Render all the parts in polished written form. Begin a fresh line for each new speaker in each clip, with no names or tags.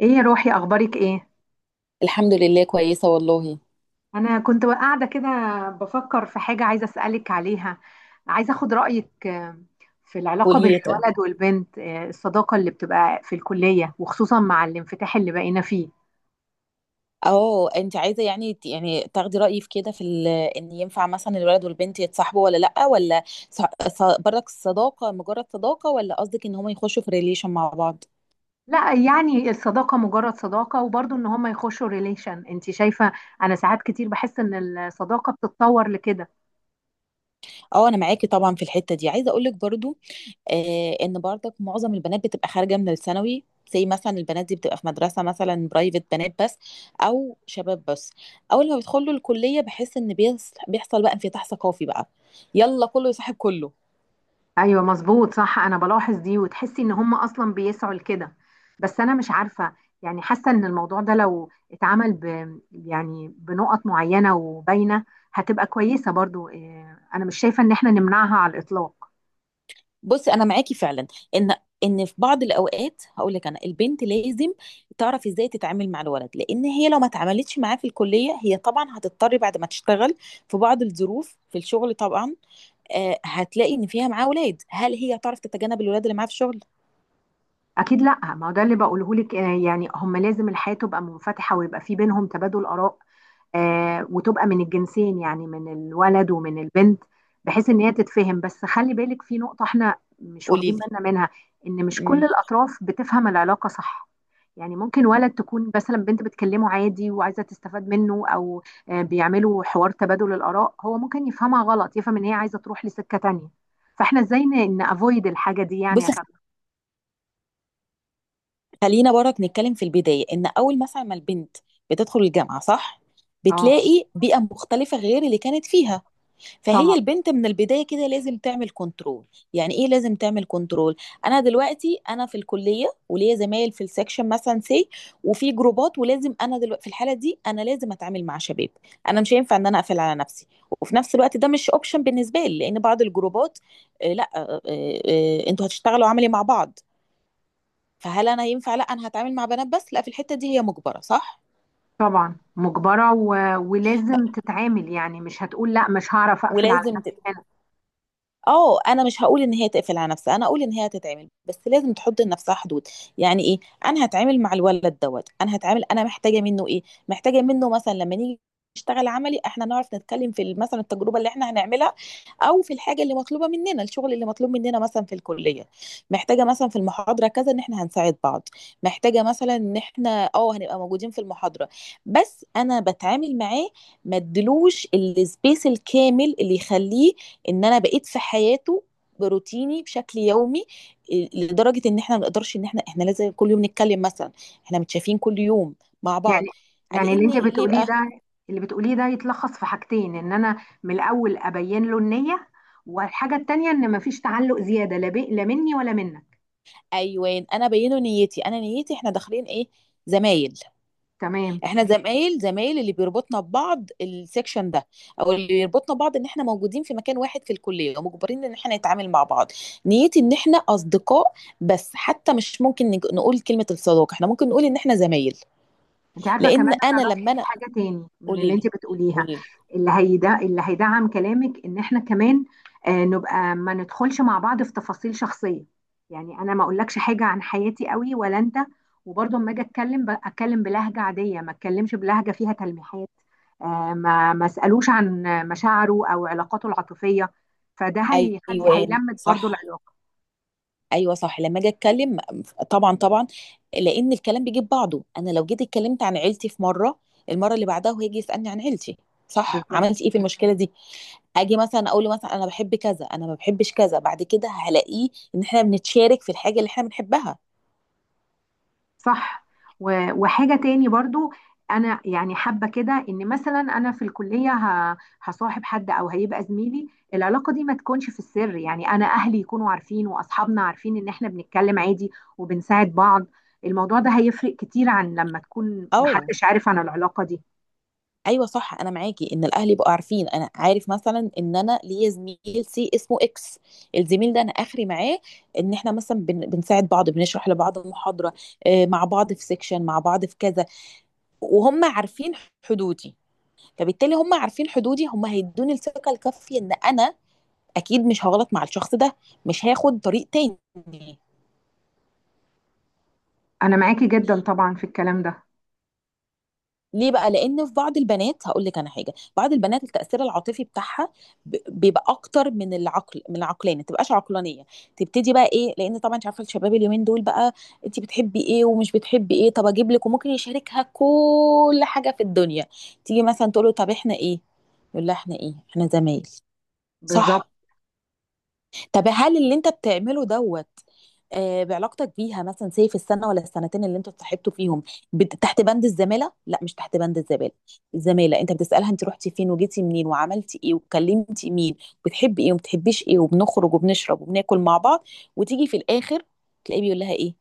ايه يا روحي، اخبارك ايه؟
الحمد لله، كويسة والله.
انا كنت قاعده كده بفكر في حاجه عايزه اسالك عليها. عايزه اخد رايك في العلاقه
قولي
بين
لي طيب.
الولد والبنت، الصداقه اللي بتبقى في الكليه، وخصوصا مع الانفتاح اللي بقينا فيه.
اه، انت عايزة يعني تاخدي رأيي في كده، في ان ينفع مثلا الولد والبنت يتصاحبوا ولا لأ، ولا ص- برك الصداقة مجرد صداقة، ولا قصدك ان هم يخشوا في ريليشن مع بعض؟
لا يعني الصداقه مجرد صداقه، وبرضه ان هما يخشوا ريليشن، انت شايفه؟ انا ساعات كتير بحس ان الصداقه بتتطور لكده.
اه، انا معاكي طبعا في الحتة دي. عايزة اقولك برضو ان برضك معظم البنات بتبقى خارجة من الثانوي، زي مثلا البنات دي بتبقى في مدرسة مثلا برايفت، بنات بس او شباب بس. اول ما بيدخلوا الكلية بحس ان بيحصل بقى انفتاح ثقافي بقى، يلا كله يصاحب كله.
ايوه مظبوط صح، انا بلاحظ دي وتحسي ان هم اصلا بيسعوا لكده. بس انا مش عارفه، يعني حاسه ان الموضوع ده لو اتعمل يعني بنقط معينه وباينه، هتبقى كويسه برضو. انا مش شايفه ان احنا نمنعها على الاطلاق.
بصي، انا معاكي فعلا ان ان في بعض الاوقات. هقول لك انا البنت لازم تعرف ازاي تتعامل مع الولد، لان هي لو ما اتعاملتش معاه في الكليه، هي طبعا هتضطر بعد ما تشتغل في بعض الظروف في الشغل طبعا. هتلاقي ان فيها معاه اولاد، هل هي تعرف تتجنب الولاد اللي معاها في الشغل؟
اكيد لا، ما هو ده اللي بقوله لك، يعني هم لازم الحياه تبقى منفتحه ويبقى في بينهم تبادل اراء، وتبقى من الجنسين، يعني من الولد ومن البنت، بحيث ان هي تتفهم. بس خلي بالك في نقطة احنا مش
قولي
واخدين
لي.
بالنا منها: ان مش كل
مم.
الاطراف بتفهم العلاقة صح. يعني ممكن ولد تكون مثلا بنت بتكلمه عادي وعايزة تستفاد منه، او بيعملوا حوار تبادل الاراء، هو ممكن يفهمها غلط، يفهم ان هي عايزة تروح لسكة تانية. فاحنا ازاي نافويد الحاجة دي يعني
بصي،
عشان...
خلينا برك نتكلم في البدايه. ان اول مثلا ما البنت بتدخل الجامعه، صح،
اه،
بتلاقي بيئه مختلفه غير اللي كانت فيها، فهي
طبعا
البنت من البداية كده لازم تعمل كنترول. يعني ايه لازم تعمل كنترول؟ انا دلوقتي انا في الكلية، وليا زمايل في السكشن مثلا سي، وفي جروبات، ولازم انا دلوقتي في الحالة دي انا لازم اتعامل مع شباب. انا مش هينفع ان انا اقفل على نفسي، وفي نفس الوقت ده مش اوبشن بالنسبة لي، لان بعض الجروبات لا، انتوا هتشتغلوا عملي مع بعض. فهل انا ينفع لا، انا هتعامل مع بنات بس؟ لا، في الحتة دي هي مجبرة صح
طبعا مجبرة، ولازم تتعامل، يعني مش هتقول لا مش هعرف اقفل على
ولازم.
نفسي هنا.
اه انا مش هقول ان هي تقفل على نفسها، انا اقول ان هي هتتعمل، بس لازم تحط لنفسها حدود. يعني ايه؟ انا هتعامل مع الولد دوت، انا هتعامل انا محتاجه منه ايه. محتاجه منه مثلا لما نيجي نشتغل عملي، احنا نعرف نتكلم في مثلا التجربه اللي احنا هنعملها، او في الحاجه اللي مطلوبه مننا، الشغل اللي مطلوب مننا مثلا في الكليه. محتاجه مثلا في المحاضره كذا ان احنا هنساعد بعض، محتاجه مثلا ان احنا اه هنبقى موجودين في المحاضره. بس انا بتعامل معاه، ما ادلوش السبيس الكامل اللي يخليه ان انا بقيت في حياته، بروتيني بشكل يومي، لدرجه ان احنا ما نقدرش ان احنا لازم كل يوم نتكلم مثلا، احنا متشافين كل يوم مع
يعني
بعض،
يعني
على ان ليه بقى.
اللي بتقوليه ده يتلخص في حاجتين: ان انا من الاول ابين له النية، والحاجة التانية ان مفيش تعلق زيادة، لا لا مني ولا منك.
ايوان، انا بينه نيتي، انا نيتي احنا داخلين ايه؟ زمايل.
تمام،
احنا زمايل، زمايل اللي بيربطنا ببعض السكشن ده، او اللي بيربطنا ببعض ان احنا موجودين في مكان واحد في الكليه ومجبرين ان احنا نتعامل مع بعض. نيتي ان احنا اصدقاء، بس حتى مش ممكن نقول كلمه الصداقه، احنا ممكن نقول ان احنا زمايل.
انت عارفه كمان
لان
انا
انا
رايي
لما
في
انا،
حاجه تاني من
قولي
اللي انت
لي،
بتقوليها.
قولي لي.
اللي هيدا اللي هيدعم كلامك ان احنا كمان نبقى ما ندخلش مع بعض في تفاصيل شخصيه. يعني انا ما اقولكش حاجه عن حياتي قوي ولا انت، وبرضه اما اجي اتكلم اتكلم بلهجه عاديه، ما اتكلمش بلهجه فيها تلميحات، ما اسالوش عن مشاعره او علاقاته العاطفيه. فده هيخلي
ايوه
هيلمت برضه
صح،
العلاقه.
ايوه صح لما اجي اتكلم. طبعا طبعا، لان الكلام بيجيب بعضه. انا لو جيت اتكلمت عن عيلتي في مره، المره اللي بعدها هو هيجي يسالني عن عيلتي، صح؟ عملت
بالظبط،
ايه في المشكله دي؟ اجي مثلا اقول له مثلا انا بحب كذا، انا ما بحبش كذا، بعد كده هلاقيه ان احنا بنتشارك في الحاجه اللي احنا بنحبها.
صح. وحاجة تاني برضو، أنا يعني حابة كده إن مثلا أنا في الكلية هصاحب حد أو هيبقى زميلي، العلاقة دي ما تكونش في السر. يعني أنا أهلي يكونوا عارفين وأصحابنا عارفين إن إحنا بنتكلم عادي وبنساعد بعض. الموضوع ده هيفرق كتير عن لما تكون
او،
محدش عارف عن العلاقة دي.
ايوه صح، انا معاكي ان الاهل يبقوا عارفين. انا عارف مثلا ان انا ليا زميل سي اسمه اكس. الزميل ده انا اخري معاه ان احنا مثلا بنساعد بعض، بنشرح لبعض محاضره، مع بعض في سيكشن، مع بعض في كذا، وهم عارفين حدودي. فبالتالي هم عارفين حدودي، هم هيدوني الثقه الكافيه ان انا اكيد مش هغلط مع الشخص ده، مش هاخد طريق تاني.
أنا معاكي جدا طبعا في الكلام ده.
ليه بقى؟ لان في بعض البنات هقول لك انا حاجه، بعض البنات التاثير العاطفي بتاعها بيبقى اكتر من العقل، من العقلانيه، ما تبقاش عقلانيه، تبتدي بقى ايه، لان طبعا انت عارفه الشباب اليومين دول بقى. انت بتحبي ايه ومش بتحبي ايه، طب اجيب لك، وممكن يشاركها كل حاجه في الدنيا. تيجي مثلا تقول له طب احنا ايه؟ يقول لها احنا ايه، احنا زمايل.
بالظبط،
صح، طب هل اللي انت بتعمله دوت بعلاقتك بيها مثلا سي في السنه ولا السنتين اللي انتوا اتصاحبتوا فيهم تحت بند الزماله؟ لا، مش تحت بند الزماله. الزماله، انت بتسالها انت رحتي فين وجيتي منين وعملتي ايه وكلمتي مين، بتحبي ايه وما بتحبيش ايه، وبنخرج وبنشرب وبناكل مع بعض، وتيجي في الاخر تلاقيه بيقول لها ايه؟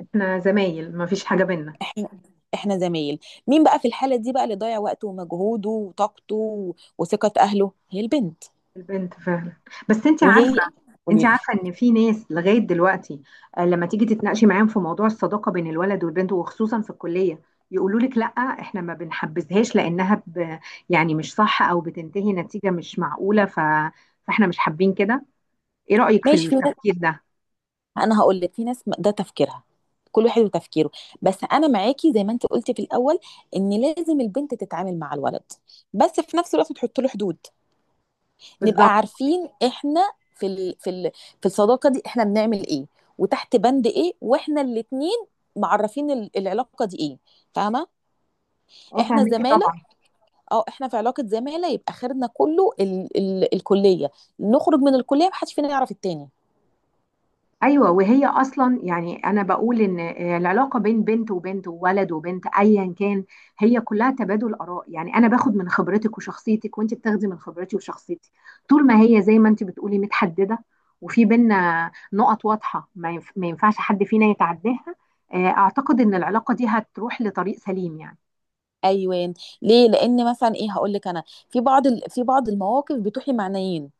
إحنا زمايل مفيش حاجة بينا.
احنا احنا زمايل. مين بقى في الحاله دي بقى اللي ضيع وقته ومجهوده وطاقته وثقه اهله؟ هي البنت.
البنت فعلا. بس انت
وهي،
عارفه،
قولي لي.
ان في ناس لغايه دلوقتي، لما تيجي تتناقشي معاهم في موضوع الصداقه بين الولد والبنت وخصوصا في الكليه، يقولوا لك لا، احنا ما بنحبذهاش لانها يعني مش صح، او بتنتهي نتيجه مش معقوله، فاحنا مش حابين كده. ايه رايك في
ماشي، في،
التفكير ده؟
انا هقول لك في ناس ده تفكيرها، كل واحد وتفكيره. بس انا معاكي زي ما انت قلتي في الاول ان لازم البنت تتعامل مع الولد، بس في نفس الوقت تحط له حدود. نبقى
بالظبط.
عارفين احنا في الصداقه دي احنا بنعمل ايه، وتحت بند ايه، واحنا الاتنين معرفين العلاقه دي ايه. فاهمه؟
اه،
احنا
فاهميكي
زماله،
طبعا.
اه احنا في علاقه زماله، يبقى خيرنا كله الكليه، نخرج من الكليه محدش فينا يعرف التاني.
ايوه، وهي اصلا يعني انا بقول ان العلاقه بين بنت وبنت وولد وبنت ايا كان هي كلها تبادل اراء. يعني انا باخد من خبرتك وشخصيتك وانت بتاخدي من خبرتي وشخصيتي. طول ما هي زي ما انت بتقولي متحدده، وفي بينا نقط واضحه ما ينفعش حد فينا يتعداها، اعتقد ان العلاقه دي هتروح لطريق سليم يعني.
ايوه، ليه؟ لان مثلا ايه هقول لك انا، في بعض المواقف بتوحي معنيين،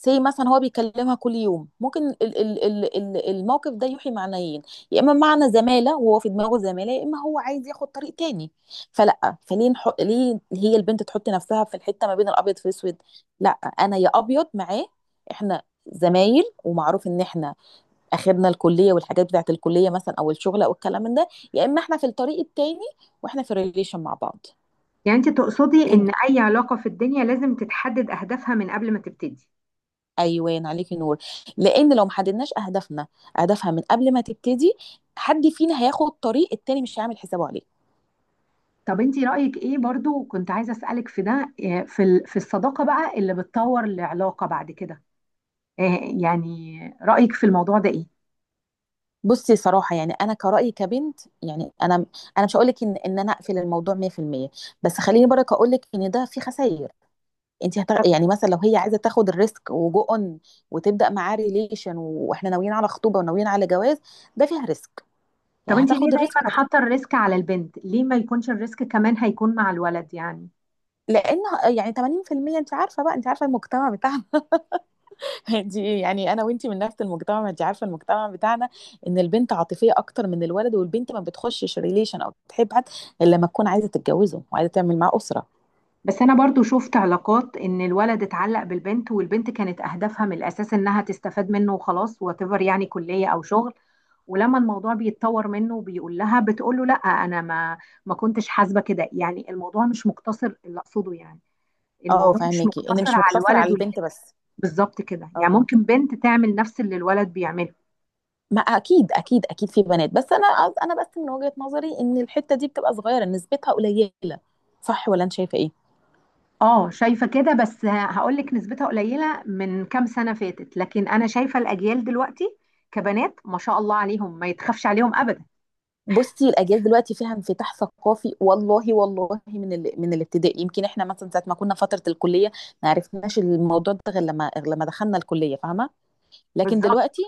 زي مثلا هو بيكلمها كل يوم، ممكن الموقف ده يوحي معنيين، يا اما معنى زماله وهو في دماغه زماله، يا اما هو عايز ياخد طريق تاني. ليه هي البنت تحط نفسها في الحته ما بين الابيض في الاسود؟ لا، انا يا ابيض معاه، احنا زمايل، ومعروف ان احنا اخرنا الكليه والحاجات بتاعت الكليه مثلا او الشغل او الكلام من ده، يا اما احنا في الطريق التاني واحنا في ريليشن مع بعض.
يعني انت تقصدي
ود...
ان اي علاقه في الدنيا لازم تتحدد اهدافها من قبل ما تبتدي.
ايوان، عليكي نور. لان لو ما حددناش اهدافنا، اهدافها من قبل ما تبتدي، حد فينا هياخد طريق التاني مش هيعمل حسابه عليه.
طب انتي رأيك ايه، برضو كنت عايزة أسألك في ده، في في الصداقة بقى اللي بتطور العلاقة بعد كده، آه، يعني رأيك في الموضوع ده ايه؟
بصي، صراحه يعني انا كرأيي كبنت، يعني انا مش هقول لك ان ان انا اقفل الموضوع 100%، بس خليني برك اقول لك ان ده فيه خسائر.
طب
يعني مثلا لو هي عايزه تاخد الريسك وجو اون وتبدا معاه ريليشن واحنا ناويين على خطوبه وناويين على جواز، ده فيها ريسك.
طب
يعني
انتي ليه
هتاخد الريسك
دايما حاطة الريسك على البنت؟ ليه ما يكونش الريسك كمان هيكون مع الولد يعني؟
لان، يعني 80% انت عارفه بقى، انت عارفه المجتمع بتاعنا. دي يعني انا وانتي من نفس المجتمع، ما انت عارفه المجتمع بتاعنا، ان البنت عاطفيه اكتر من الولد، والبنت ما بتخشش ريليشن او بتحب حد الا لما تكون عايزه تتجوزه وعايزه تعمل معاه اسره.
بس انا برضو شفت علاقات ان الولد اتعلق بالبنت والبنت كانت اهدافها من الاساس انها تستفاد منه وخلاص، واتيفر، يعني كلية او شغل. ولما الموضوع بيتطور منه وبيقول لها، بتقول له لا، انا ما كنتش حاسبة كده. يعني الموضوع مش مقتصر، اللي اقصده يعني
اه،
الموضوع مش
فاهمكي ان
مقتصر
مش
على
مقتصر على
الولد والبنت.
البنت بس.
بالظبط كده، يعني
اه،
ممكن بنت تعمل نفس اللي الولد بيعمله.
ما اكيد اكيد اكيد في بنات، بس انا، انا بس من وجهه نظري ان الحته دي بتبقى صغيره، نسبتها قليله. صح ولا انت شايفه ايه؟
اه شايفه كده، بس هقول لك نسبتها قليله من كام سنه فاتت، لكن انا شايفه الاجيال دلوقتي كبنات ما شاء الله عليهم ما يتخافش عليهم ابدا.
بصي، الاجيال دلوقتي فيها انفتاح ثقافي والله والله. من الابتدائي يمكن احنا مثلا ساعه ما كنا فتره الكليه ما عرفناش الموضوع ده غير لما دخلنا الكليه، فاهمه؟ لكن
بالظبط.
دلوقتي،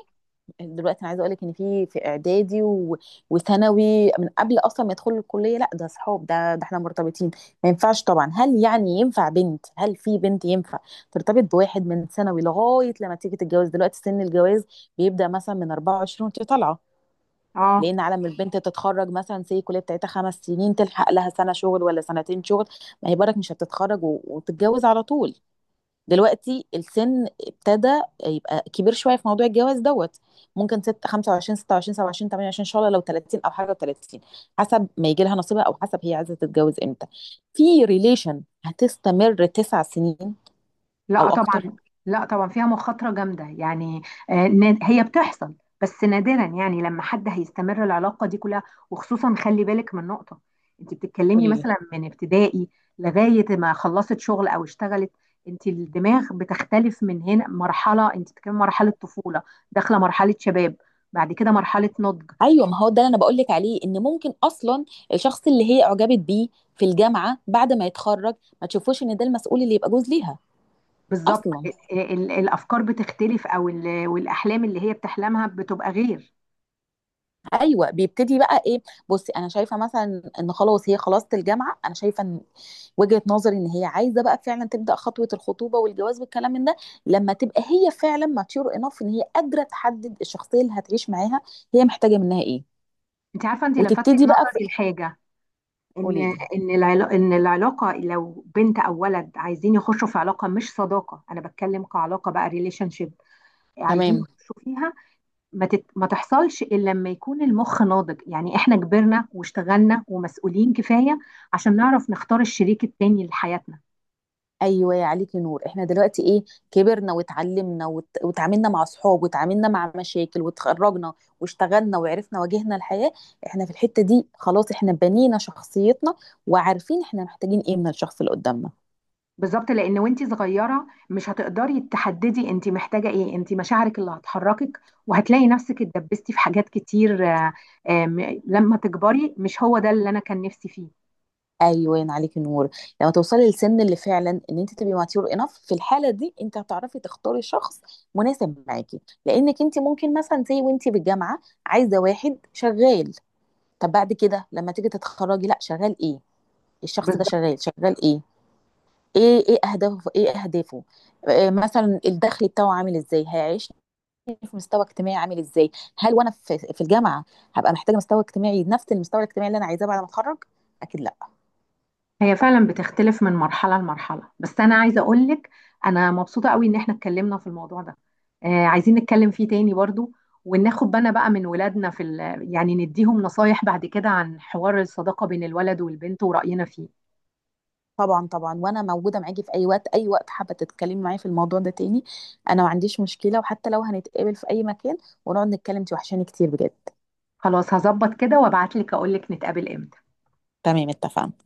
دلوقتي انا عايزه اقول لك ان في اعدادي وثانوي، من قبل اصلا ما يدخلوا الكليه، لا ده صحاب، ده احنا مرتبطين. ما ينفعش طبعا. هل يعني ينفع بنت، هل في بنت ينفع ترتبط بواحد من ثانوي لغايه لما تيجي تتجوز؟ دلوقتي سن الجواز بيبدا مثلا من 24 وانت طالعه.
اه.
لان على ما البنت تتخرج مثلا سي الكليه بتاعتها 5 سنين، تلحق لها سنه شغل ولا سنتين شغل، ما هي برك مش هتتخرج وتتجوز على طول. دلوقتي السن ابتدى يبقى كبير شويه في موضوع الجواز دوت. ممكن ست 25، 26، 27، 28، ان شاء الله لو 30 او حاجه و30، حسب ما يجي لها نصيبها او حسب هي عايزه تتجوز امتى. في ريليشن هتستمر 9 سنين او
لا طبعا.
اكتر؟
لا طبعا فيها مخاطرة جامدة يعني. هي بتحصل بس نادرا، يعني لما حد هيستمر العلاقة دي كلها. وخصوصا خلي بالك من نقطة: انت بتتكلمي
قولي لي.
مثلا من ابتدائي لغاية ما خلصت شغل او اشتغلت، انت الدماغ بتختلف من هنا. مرحلة انت بتتكلمي مرحلة طفولة، داخلة مرحلة شباب، بعد كده مرحلة نضج.
ايوه، ما هو ده اللي انا بقول لك عليه، ان ممكن اصلا الشخص اللي هي اعجبت بيه في الجامعه بعد ما يتخرج ما تشوفوش ان ده المسؤول اللي يبقى جوز ليها
بالظبط.
اصلا.
الافكار بتختلف، او والاحلام اللي هي بتحلمها بتبقى غير.
ايوه، بيبتدي بقى ايه. بصي، انا شايفه مثلا ان خلاص هي خلصت الجامعه، انا شايفه ان، وجهه نظري، ان هي عايزه بقى فعلا تبدا خطوه الخطوبه والجواز والكلام من ده لما تبقى هي فعلا ماتيور انف، ان هي قادره تحدد الشخصيه اللي هتعيش معاها هي محتاجه منها ايه.
انت عارفة، انت لفتي
وتبتدي بقى في...
نظري لحاجة: ان
قولي لي.
ان العلاقه لو بنت او ولد عايزين يخشوا في علاقه مش صداقه، انا بتكلم كعلاقه بقى، ريليشن شيب، عايزين
تمام.
يخشوا فيها، ما تحصلش الا لما يكون المخ ناضج. يعني احنا كبرنا واشتغلنا ومسؤولين كفايه عشان نعرف نختار الشريك التاني لحياتنا.
ايوه، يا عليك نور. احنا دلوقتي ايه؟ كبرنا واتعلمنا وتعاملنا مع اصحاب وتعاملنا مع مشاكل وتخرجنا واشتغلنا وعرفنا، واجهنا الحياة. احنا في الحتة دي خلاص احنا بنينا شخصيتنا، وعارفين احنا محتاجين ايه من الشخص اللي قدامنا.
بالظبط، لان وانت صغيره مش هتقدري تحددي انت محتاجه ايه، انت مشاعرك اللي هتحركك، وهتلاقي نفسك اتدبستي في حاجات كتير. لما تكبري، مش هو ده اللي انا كان نفسي فيه.
ايوه، يا عليك نور. لما توصلي للسن اللي فعلا ان انت تبقي ماتيور انف، في الحاله دي انت هتعرفي تختاري شخص مناسب معاكي. لانك انت ممكن مثلا زي وانت بالجامعه عايزه واحد شغال، طب بعد كده لما تيجي تتخرجي لا، شغال ايه؟ الشخص ده
بالظبط.
شغال شغال ايه؟ ايه، ايه اهدافه، ايه اهدافه، مثلا الدخل بتاعه عامل ازاي، هيعيشني في مستوى اجتماعي عامل ازاي. هل وانا في الجامعه هبقى محتاجه مستوى اجتماعي نفس المستوى الاجتماعي اللي انا عايزاه بعد ما اتخرج؟ اكيد لا.
هي فعلا بتختلف من مرحلة لمرحلة. بس أنا عايزة أقولك أنا مبسوطة قوي إن إحنا اتكلمنا في الموضوع ده، عايزين نتكلم فيه تاني برضو، وناخد بالنا بقى من ولادنا في يعني نديهم نصايح بعد كده عن حوار الصداقة بين الولد والبنت ورأينا فيه.
طبعا طبعا، وانا موجوده معاكي في اي وقت، اي وقت حابه تتكلمي معايا في الموضوع ده تاني. انا ما عنديش مشكله، وحتى لو هنتقابل في اي مكان ونقعد نتكلم، انت وحشاني كتير بجد.
خلاص، هظبط كده وأبعتلك أقولك نتقابل إمتى؟
تمام، اتفقنا.